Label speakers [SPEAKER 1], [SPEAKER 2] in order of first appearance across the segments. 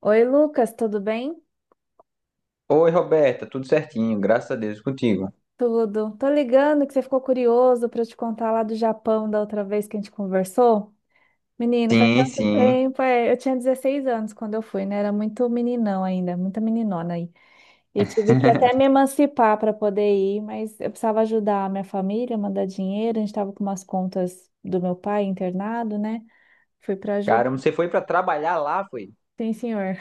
[SPEAKER 1] Oi, Lucas, tudo bem?
[SPEAKER 2] Oi, Roberta, tudo certinho, graças a Deus contigo.
[SPEAKER 1] Tudo. Tô ligando que você ficou curioso para eu te contar lá do Japão da outra vez que a gente conversou. Menino, faz
[SPEAKER 2] Sim,
[SPEAKER 1] tanto
[SPEAKER 2] sim.
[SPEAKER 1] tempo. Eu tinha 16 anos quando eu fui, né? Era muito meninão ainda, muita meninona aí. E eu tive que até me emancipar para poder ir, mas eu precisava ajudar a minha família, mandar dinheiro. A gente tava com umas contas do meu pai internado, né? Fui para ajudar.
[SPEAKER 2] Caramba, você foi pra trabalhar lá, foi?
[SPEAKER 1] Sim, senhor.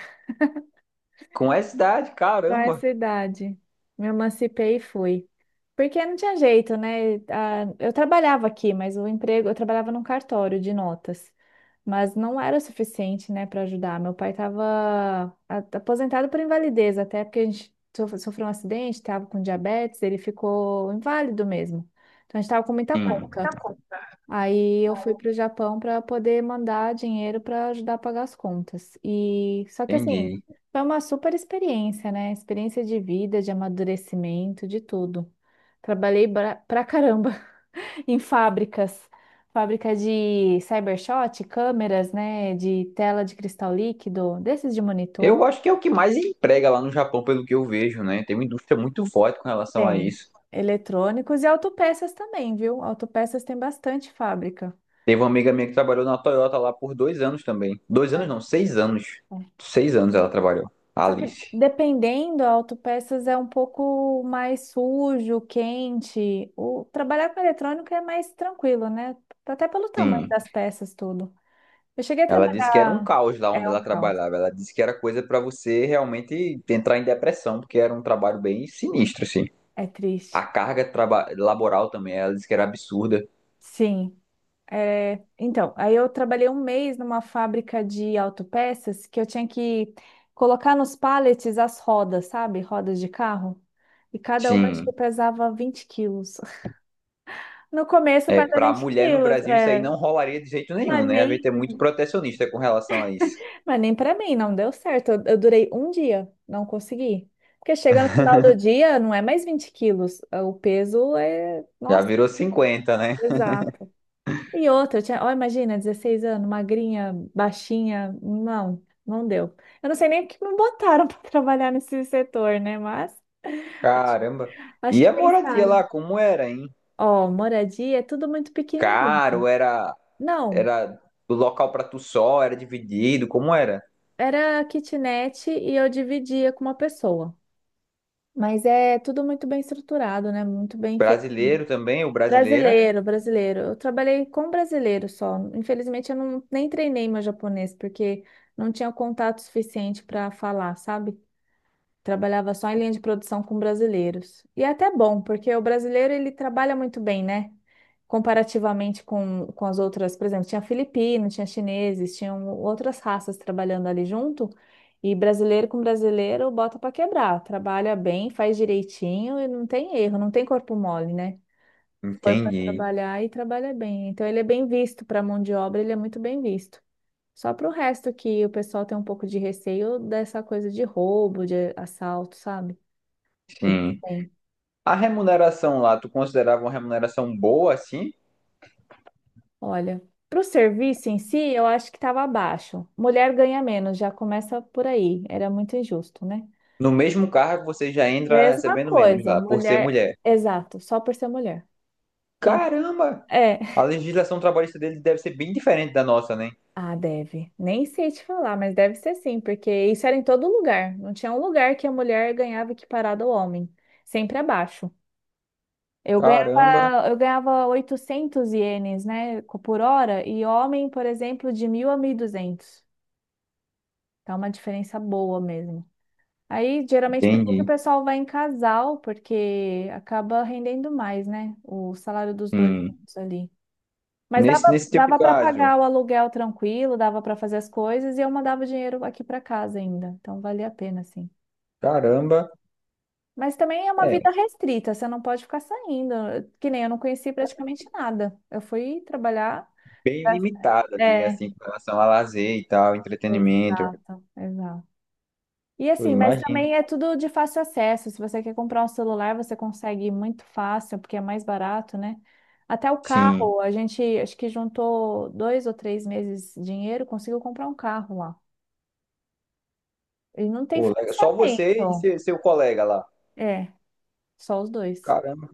[SPEAKER 2] Com essa idade,
[SPEAKER 1] Qual é a
[SPEAKER 2] caramba.
[SPEAKER 1] sua idade? Me emancipei e fui. Porque não tinha jeito, né? Ah, eu trabalhava aqui, mas o emprego, eu trabalhava num cartório de notas. Mas não era o suficiente, né, para ajudar. Meu pai estava aposentado por invalidez, até porque a gente sofreu um acidente, estava com diabetes, ele ficou inválido mesmo. Então a gente estava com muita
[SPEAKER 2] Hum,
[SPEAKER 1] conta. Aí eu fui para o Japão para poder mandar dinheiro para ajudar a pagar as contas. E só que assim,
[SPEAKER 2] Entendi.
[SPEAKER 1] foi uma super experiência, né? Experiência de vida, de amadurecimento, de tudo. Trabalhei pra caramba em fábricas, fábrica de cybershot, câmeras, né? De tela de cristal líquido, desses de monitor.
[SPEAKER 2] Eu acho que é o que mais emprega lá no Japão, pelo que eu vejo, né? Tem uma indústria muito forte com relação a
[SPEAKER 1] Tem
[SPEAKER 2] isso.
[SPEAKER 1] eletrônicos e autopeças também, viu? Autopeças tem bastante fábrica.
[SPEAKER 2] Teve uma amiga minha que trabalhou na Toyota lá por 2 anos também. 2 anos não, 6 anos.
[SPEAKER 1] É.
[SPEAKER 2] 6 anos ela trabalhou, a
[SPEAKER 1] Só que
[SPEAKER 2] Alice.
[SPEAKER 1] dependendo, a autopeças é um pouco mais sujo, quente. O trabalhar com eletrônico é mais tranquilo, né? Até pelo tamanho
[SPEAKER 2] Sim.
[SPEAKER 1] das peças, tudo. Eu cheguei a
[SPEAKER 2] Ela disse que era um
[SPEAKER 1] trabalhar.
[SPEAKER 2] caos lá onde
[SPEAKER 1] É um
[SPEAKER 2] ela
[SPEAKER 1] caos.
[SPEAKER 2] trabalhava. Ela disse que era coisa pra você realmente entrar em depressão, porque era um trabalho bem sinistro, assim.
[SPEAKER 1] É triste.
[SPEAKER 2] A carga laboral também, ela disse que era absurda.
[SPEAKER 1] Sim. É, então, aí eu trabalhei um mês numa fábrica de autopeças que eu tinha que colocar nos pallets as rodas, sabe? Rodas de carro. E cada uma acho que
[SPEAKER 2] Sim.
[SPEAKER 1] pesava 20 quilos. No começo
[SPEAKER 2] É,
[SPEAKER 1] pesa
[SPEAKER 2] para
[SPEAKER 1] 20
[SPEAKER 2] mulher no
[SPEAKER 1] quilos.
[SPEAKER 2] Brasil, isso aí
[SPEAKER 1] É.
[SPEAKER 2] não rolaria de jeito nenhum,
[SPEAKER 1] Mas
[SPEAKER 2] né? A
[SPEAKER 1] nem,
[SPEAKER 2] gente é muito protecionista com relação a isso.
[SPEAKER 1] mas nem para mim, não deu certo. Eu durei um dia, não consegui. Porque chega no final do dia, não é mais 20 quilos. O peso é,
[SPEAKER 2] Já
[SPEAKER 1] nossa,
[SPEAKER 2] virou 50, né?
[SPEAKER 1] exato. E outra, eu tinha, ó, imagina, 16 anos, magrinha, baixinha. Não, não deu. Eu não sei nem o que me botaram para trabalhar nesse setor, né? Mas
[SPEAKER 2] Caramba.
[SPEAKER 1] acho
[SPEAKER 2] E
[SPEAKER 1] que
[SPEAKER 2] a moradia
[SPEAKER 1] pensaram.
[SPEAKER 2] lá, como era, hein?
[SPEAKER 1] Ó, moradia é tudo muito pequenininho.
[SPEAKER 2] Caro, era,
[SPEAKER 1] Não,
[SPEAKER 2] era do local para tu só, era dividido, como era?
[SPEAKER 1] era kitnet e eu dividia com uma pessoa. Mas é tudo muito bem estruturado, né? Muito bem feito.
[SPEAKER 2] Brasileiro também, ou brasileira?
[SPEAKER 1] Brasileiro, brasileiro. Eu trabalhei com brasileiro só. Infelizmente, eu não, nem treinei meu japonês, porque não tinha contato suficiente para falar, sabe? Trabalhava só em linha de produção com brasileiros. E é até bom, porque o brasileiro ele trabalha muito bem, né? Comparativamente com as outras, por exemplo, tinha filipino, tinha chineses, tinham outras raças trabalhando ali junto, e brasileiro com brasileiro bota para quebrar, trabalha bem, faz direitinho e não tem erro, não tem corpo mole, né? Foi para
[SPEAKER 2] Entendi,
[SPEAKER 1] trabalhar e trabalha bem. Então ele é bem visto para mão de obra, ele é muito bem visto. Só para o resto que o pessoal tem um pouco de receio dessa coisa de roubo, de assalto, sabe? Eles
[SPEAKER 2] sim.
[SPEAKER 1] têm.
[SPEAKER 2] A remuneração lá, tu considerava uma remuneração boa, assim?
[SPEAKER 1] Olha, para o serviço em si, eu acho que estava abaixo. Mulher ganha menos, já começa por aí. Era muito injusto, né?
[SPEAKER 2] No mesmo cargo, você já entra
[SPEAKER 1] Mesma
[SPEAKER 2] recebendo menos
[SPEAKER 1] coisa,
[SPEAKER 2] lá, por ser
[SPEAKER 1] mulher,
[SPEAKER 2] mulher.
[SPEAKER 1] exato, só por ser mulher. Então,
[SPEAKER 2] Caramba!
[SPEAKER 1] é.
[SPEAKER 2] A legislação trabalhista dele deve ser bem diferente da nossa, né?
[SPEAKER 1] Ah, deve. Nem sei te falar, mas deve ser sim, porque isso era em todo lugar. Não tinha um lugar que a mulher ganhava equiparado ao homem. Sempre abaixo. Eu
[SPEAKER 2] Caramba,
[SPEAKER 1] ganhava, eu ganhava 800 ienes, né, por hora, e homem, por exemplo, de 1.000 a 1.200. Tá uma diferença boa mesmo. Aí, geralmente, por isso que o
[SPEAKER 2] entendi.
[SPEAKER 1] pessoal vai em casal, porque acaba rendendo mais, né? O salário dos dois
[SPEAKER 2] Hum.
[SPEAKER 1] juntos ali. Mas dava,
[SPEAKER 2] Nesse teu
[SPEAKER 1] dava para
[SPEAKER 2] caso,
[SPEAKER 1] pagar o aluguel tranquilo, dava para fazer as coisas e eu mandava o dinheiro aqui para casa ainda. Então, valia a pena, sim.
[SPEAKER 2] caramba,
[SPEAKER 1] Mas também é uma
[SPEAKER 2] é
[SPEAKER 1] vida restrita, você não pode ficar saindo. Que nem eu não conheci praticamente nada. Eu fui trabalhar.
[SPEAKER 2] bem limitada, né?
[SPEAKER 1] É,
[SPEAKER 2] Assim, com relação a lazer e tal, entretenimento.
[SPEAKER 1] exato, exato. E
[SPEAKER 2] Eu
[SPEAKER 1] assim, mas
[SPEAKER 2] imagino.
[SPEAKER 1] também é tudo de fácil acesso. Se você quer comprar um celular, você consegue muito fácil, porque é mais barato, né? Até o
[SPEAKER 2] Sim.
[SPEAKER 1] carro, a gente acho que juntou dois ou três meses de dinheiro, conseguiu comprar um carro lá. E não tem
[SPEAKER 2] Pô, legal. Só você e
[SPEAKER 1] financiamento.
[SPEAKER 2] seu colega lá.
[SPEAKER 1] É, só os dois.
[SPEAKER 2] Caramba.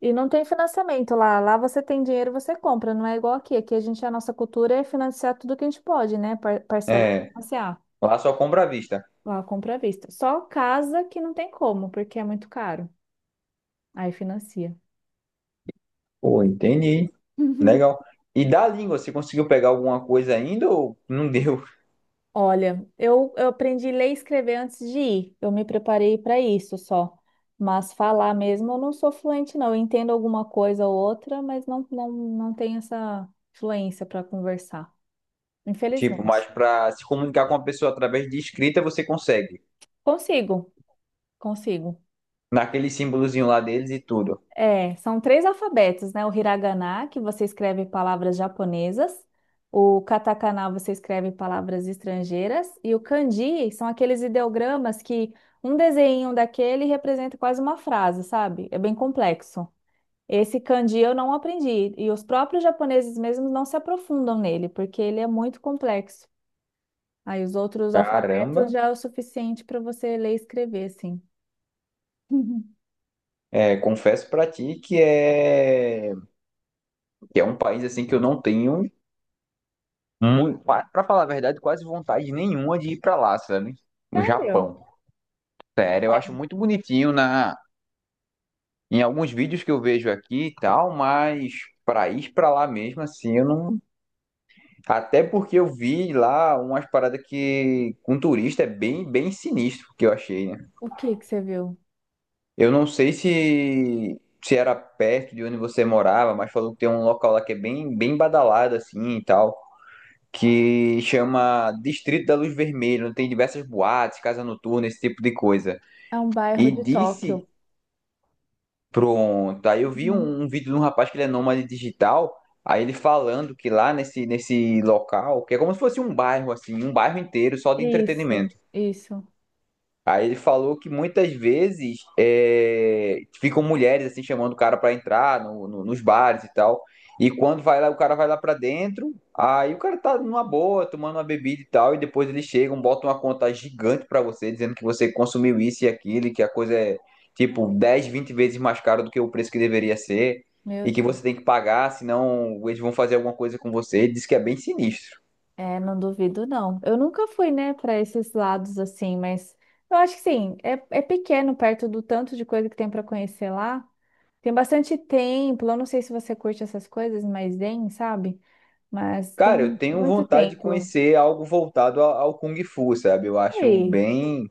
[SPEAKER 1] E não tem financiamento lá. Lá você tem dinheiro, você compra. Não é igual aqui. Aqui a gente, a nossa cultura é financiar tudo que a gente pode, né? Parcelar,
[SPEAKER 2] É,
[SPEAKER 1] financiar.
[SPEAKER 2] lá só compra à vista.
[SPEAKER 1] Lá compra à vista. Só casa que não tem como, porque é muito caro. Aí financia.
[SPEAKER 2] Pô, entendi. Legal. E da língua, você conseguiu pegar alguma coisa ainda ou não deu?
[SPEAKER 1] Olha, eu aprendi a ler e escrever antes de ir. Eu me preparei para isso só. Mas falar mesmo, eu não sou fluente, não. Eu entendo alguma coisa ou outra, mas não tenho essa fluência para conversar.
[SPEAKER 2] Tipo, mas
[SPEAKER 1] Infelizmente.
[SPEAKER 2] para se comunicar com uma pessoa através de escrita, você consegue.
[SPEAKER 1] Consigo, consigo.
[SPEAKER 2] Naquele símbolozinho lá deles e tudo.
[SPEAKER 1] É, são três alfabetos, né? O hiragana, que você escreve palavras japonesas, o katakana você escreve palavras estrangeiras, e o kanji são aqueles ideogramas que um desenho daquele representa quase uma frase, sabe? É bem complexo. Esse kanji eu não aprendi, e os próprios japoneses mesmos não se aprofundam nele, porque ele é muito complexo. Aí os outros alfabetos
[SPEAKER 2] Caramba,
[SPEAKER 1] já é o suficiente para você ler e escrever, assim.
[SPEAKER 2] é, confesso pra ti que é um país assim que eu não tenho muito, para falar a verdade, quase vontade nenhuma de ir pra lá, sabe? O
[SPEAKER 1] Sério?
[SPEAKER 2] Japão. Sério, eu acho muito bonitinho na em alguns vídeos que eu vejo aqui e tal, mas pra ir pra lá mesmo assim, eu não. Até porque eu vi lá umas paradas que com turista é bem, bem sinistro que eu achei, né?
[SPEAKER 1] O que que você viu?
[SPEAKER 2] Eu não sei se era perto de onde você morava, mas falou que tem um local lá que é bem, bem badalado assim e tal, que chama Distrito da Luz Vermelha, onde tem diversas boates, casa noturna, esse tipo de coisa.
[SPEAKER 1] É um bairro
[SPEAKER 2] E
[SPEAKER 1] de Tóquio.
[SPEAKER 2] disse, pronto, aí eu vi
[SPEAKER 1] Uhum.
[SPEAKER 2] um vídeo de um rapaz que ele é nômade digital, aí ele falando que lá nesse local, que é como se fosse um bairro assim, um bairro inteiro só de
[SPEAKER 1] Isso,
[SPEAKER 2] entretenimento.
[SPEAKER 1] isso.
[SPEAKER 2] Aí ele falou que muitas vezes é, ficam mulheres assim chamando o cara pra entrar nos bares e tal. E quando vai lá, o cara vai lá pra dentro, aí o cara tá numa boa, tomando uma bebida e tal, e depois eles chegam, botam uma conta gigante pra você, dizendo que você consumiu isso e aquilo, e que a coisa é tipo 10, 20 vezes mais cara do que o preço que deveria ser,
[SPEAKER 1] Meu
[SPEAKER 2] e que você
[SPEAKER 1] Deus.
[SPEAKER 2] tem que pagar, senão eles vão fazer alguma coisa com você. Ele disse que é bem sinistro.
[SPEAKER 1] É, não duvido, não. Eu nunca fui, né, para esses lados assim, mas eu acho que sim, é, é pequeno perto do tanto de coisa que tem para conhecer lá. Tem bastante templo. Eu não sei se você curte essas coisas, mas tem, sabe? Mas
[SPEAKER 2] Cara, eu
[SPEAKER 1] tem
[SPEAKER 2] tenho
[SPEAKER 1] muito
[SPEAKER 2] vontade de
[SPEAKER 1] templo.
[SPEAKER 2] conhecer algo voltado ao Kung Fu, sabe? Eu acho
[SPEAKER 1] Aí,
[SPEAKER 2] bem.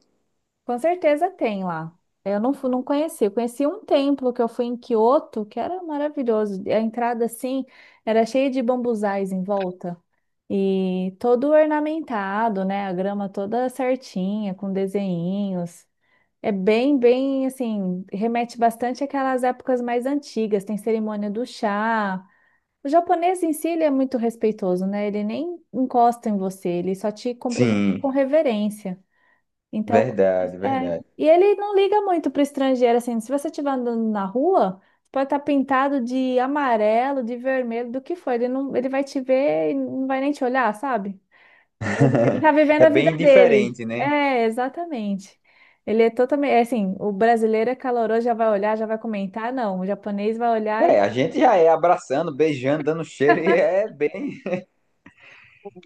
[SPEAKER 1] com certeza tem lá. Eu não, não conheci. Eu conheci um templo que eu fui em Kyoto, que era maravilhoso. A entrada, assim, era cheia de bambuzais em volta. E todo ornamentado, né? A grama toda certinha, com desenhinhos. É bem assim, remete bastante àquelas épocas mais antigas. Tem cerimônia do chá. O japonês em si, ele é muito respeitoso, né? Ele nem encosta em você, ele só te cumprimenta
[SPEAKER 2] Sim,
[SPEAKER 1] com reverência. Então,
[SPEAKER 2] verdade,
[SPEAKER 1] é.
[SPEAKER 2] verdade.
[SPEAKER 1] E ele não liga muito para o estrangeiro, assim. Se você estiver andando na rua, pode estar pintado de amarelo, de vermelho, do que for. Ele não, ele vai te ver e não vai nem te olhar, sabe? Ele tá vivendo
[SPEAKER 2] É
[SPEAKER 1] a vida
[SPEAKER 2] bem
[SPEAKER 1] dele.
[SPEAKER 2] diferente, né?
[SPEAKER 1] É, exatamente. Ele é totalmente, é assim, o brasileiro é caloroso, já vai olhar, já vai comentar, não. O japonês vai olhar e
[SPEAKER 2] É, a gente já é abraçando, beijando, dando cheiro, e é bem.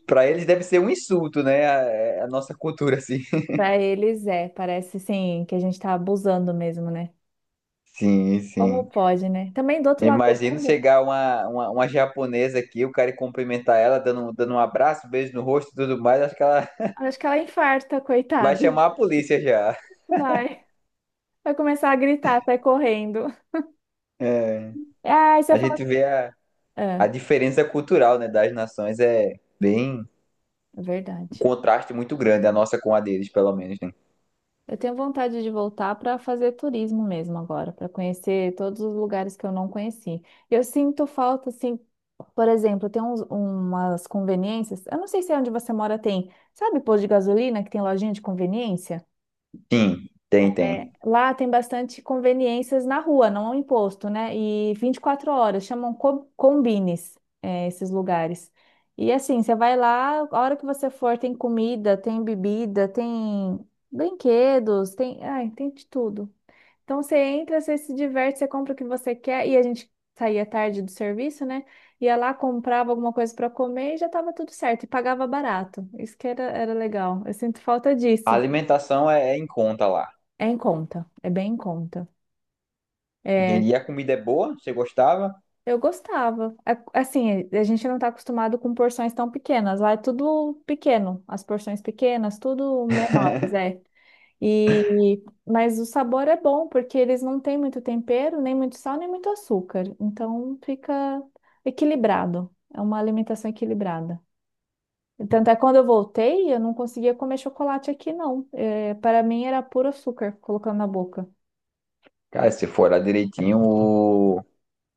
[SPEAKER 2] Pra eles deve ser um insulto, né? A, é, a nossa cultura, assim.
[SPEAKER 1] para eles é, parece sim que a gente tá abusando mesmo, né?
[SPEAKER 2] Sim,
[SPEAKER 1] Como
[SPEAKER 2] sim.
[SPEAKER 1] pode, né? Também do outro
[SPEAKER 2] Eu
[SPEAKER 1] lado do
[SPEAKER 2] imagino
[SPEAKER 1] mundo,
[SPEAKER 2] chegar uma japonesa aqui, o cara ir cumprimentar ela, dando um abraço, beijo no rosto e tudo mais, acho que ela
[SPEAKER 1] acho que ela infarta,
[SPEAKER 2] vai
[SPEAKER 1] coitada.
[SPEAKER 2] chamar a polícia já.
[SPEAKER 1] Vai, vai começar a gritar, sai correndo.
[SPEAKER 2] É,
[SPEAKER 1] Ah, e você
[SPEAKER 2] a
[SPEAKER 1] falou.
[SPEAKER 2] gente vê a.
[SPEAKER 1] É,
[SPEAKER 2] a diferença cultural, né, das nações é bem
[SPEAKER 1] é
[SPEAKER 2] um
[SPEAKER 1] verdade.
[SPEAKER 2] contraste muito grande, a nossa com a deles, pelo menos, né?
[SPEAKER 1] Eu tenho vontade de voltar para fazer turismo mesmo agora, para conhecer todos os lugares que eu não conheci. Eu sinto falta, assim, por exemplo, tem umas conveniências. Eu não sei se é onde você mora tem, sabe, posto de gasolina que tem lojinha de conveniência?
[SPEAKER 2] Sim, tem, tem.
[SPEAKER 1] Lá tem bastante conveniências na rua, não em posto, né? E 24 horas, chamam combines, é, esses lugares. E assim, você vai lá, a hora que você for, tem comida, tem bebida, tem brinquedos, tem, ai, tem de tudo. Então você entra, você se diverte, você compra o que você quer. E a gente saía tarde do serviço, né? Ia lá, comprava alguma coisa para comer e já tava tudo certo. E pagava barato. Isso que era, era legal. Eu sinto falta
[SPEAKER 2] A
[SPEAKER 1] disso.
[SPEAKER 2] alimentação é em conta lá.
[SPEAKER 1] É em conta, é bem em conta. É,
[SPEAKER 2] E a comida é boa, você gostava?
[SPEAKER 1] eu gostava. Assim, a gente não tá acostumado com porções tão pequenas. Lá é tudo pequeno, as porções pequenas, tudo menores, é. E, mas o sabor é bom, porque eles não têm muito tempero, nem muito sal, nem muito açúcar. Então fica equilibrado. É uma alimentação equilibrada. E tanto é que quando eu voltei, eu não conseguia comer chocolate aqui, não. É, para mim era puro açúcar colocando na boca.
[SPEAKER 2] Cara, se for lá direitinho, o,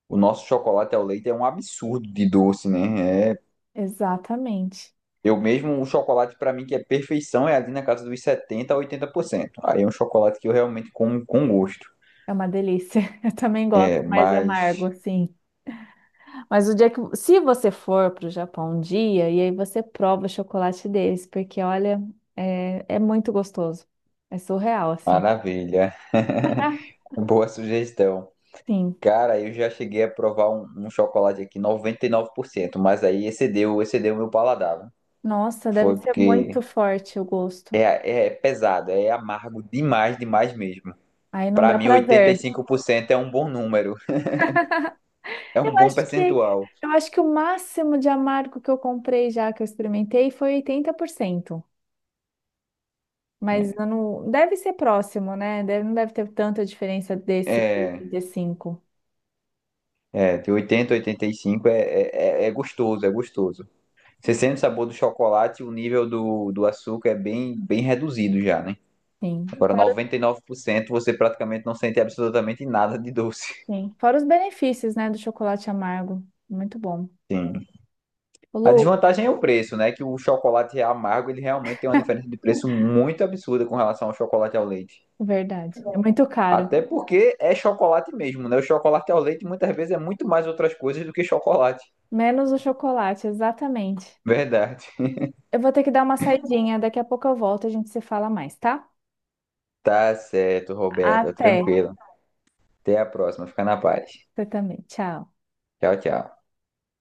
[SPEAKER 2] o nosso chocolate ao leite é um absurdo de doce, né? É,
[SPEAKER 1] Exatamente.
[SPEAKER 2] eu mesmo, o chocolate pra mim que é perfeição é ali na casa dos 70 a 80%. Aí é um chocolate que eu realmente como com gosto.
[SPEAKER 1] É uma delícia. Eu também gosto,
[SPEAKER 2] É,
[SPEAKER 1] mais
[SPEAKER 2] mas
[SPEAKER 1] amargo, assim. Mas o dia que, se você for para o Japão um dia, e aí você prova o chocolate deles, porque olha, é, é muito gostoso. É surreal, assim.
[SPEAKER 2] maravilha. Boa sugestão.
[SPEAKER 1] Sim.
[SPEAKER 2] Cara, eu já cheguei a provar um chocolate aqui 99%, mas aí excedeu, excedeu o meu paladar. Viu?
[SPEAKER 1] Nossa, deve
[SPEAKER 2] Foi
[SPEAKER 1] ser
[SPEAKER 2] porque
[SPEAKER 1] muito forte o gosto.
[SPEAKER 2] é pesado, é amargo demais, demais mesmo.
[SPEAKER 1] Aí não
[SPEAKER 2] Pra
[SPEAKER 1] dá
[SPEAKER 2] mim, oitenta e
[SPEAKER 1] prazer.
[SPEAKER 2] cinco por cento é um bom número, é
[SPEAKER 1] Eu
[SPEAKER 2] um bom
[SPEAKER 1] acho que
[SPEAKER 2] percentual.
[SPEAKER 1] eu acho que o máximo de amargo que eu comprei já que eu experimentei foi 80%.
[SPEAKER 2] É,
[SPEAKER 1] Mas eu não deve ser próximo, né? Não deve ter tanta diferença desse pro
[SPEAKER 2] é,
[SPEAKER 1] 35.
[SPEAKER 2] é, de 80 a 85 é gostoso, é gostoso. Você sente o sabor do chocolate, o nível do açúcar é bem, bem reduzido já, né?
[SPEAKER 1] Sim.
[SPEAKER 2] Agora, 99%, você praticamente não sente absolutamente nada de doce.
[SPEAKER 1] Sim. Fora os benefícios, né, do chocolate amargo. Muito bom.
[SPEAKER 2] Sim.
[SPEAKER 1] Ô,
[SPEAKER 2] A
[SPEAKER 1] Lu,
[SPEAKER 2] desvantagem é o preço, né? Que o chocolate amargo, ele realmente tem uma diferença de preço muito absurda com relação ao chocolate ao leite.
[SPEAKER 1] verdade. É muito caro.
[SPEAKER 2] Até porque é chocolate mesmo, né? O chocolate ao leite muitas vezes é muito mais outras coisas do que chocolate.
[SPEAKER 1] Menos o chocolate, exatamente.
[SPEAKER 2] Verdade.
[SPEAKER 1] Eu vou ter que dar uma saidinha, daqui a pouco eu volto, a gente se fala mais, tá?
[SPEAKER 2] Tá certo, Roberta.
[SPEAKER 1] Até.
[SPEAKER 2] Tranquilo. Até a próxima. Fica na paz.
[SPEAKER 1] Você também. Tchau.
[SPEAKER 2] Tchau, tchau.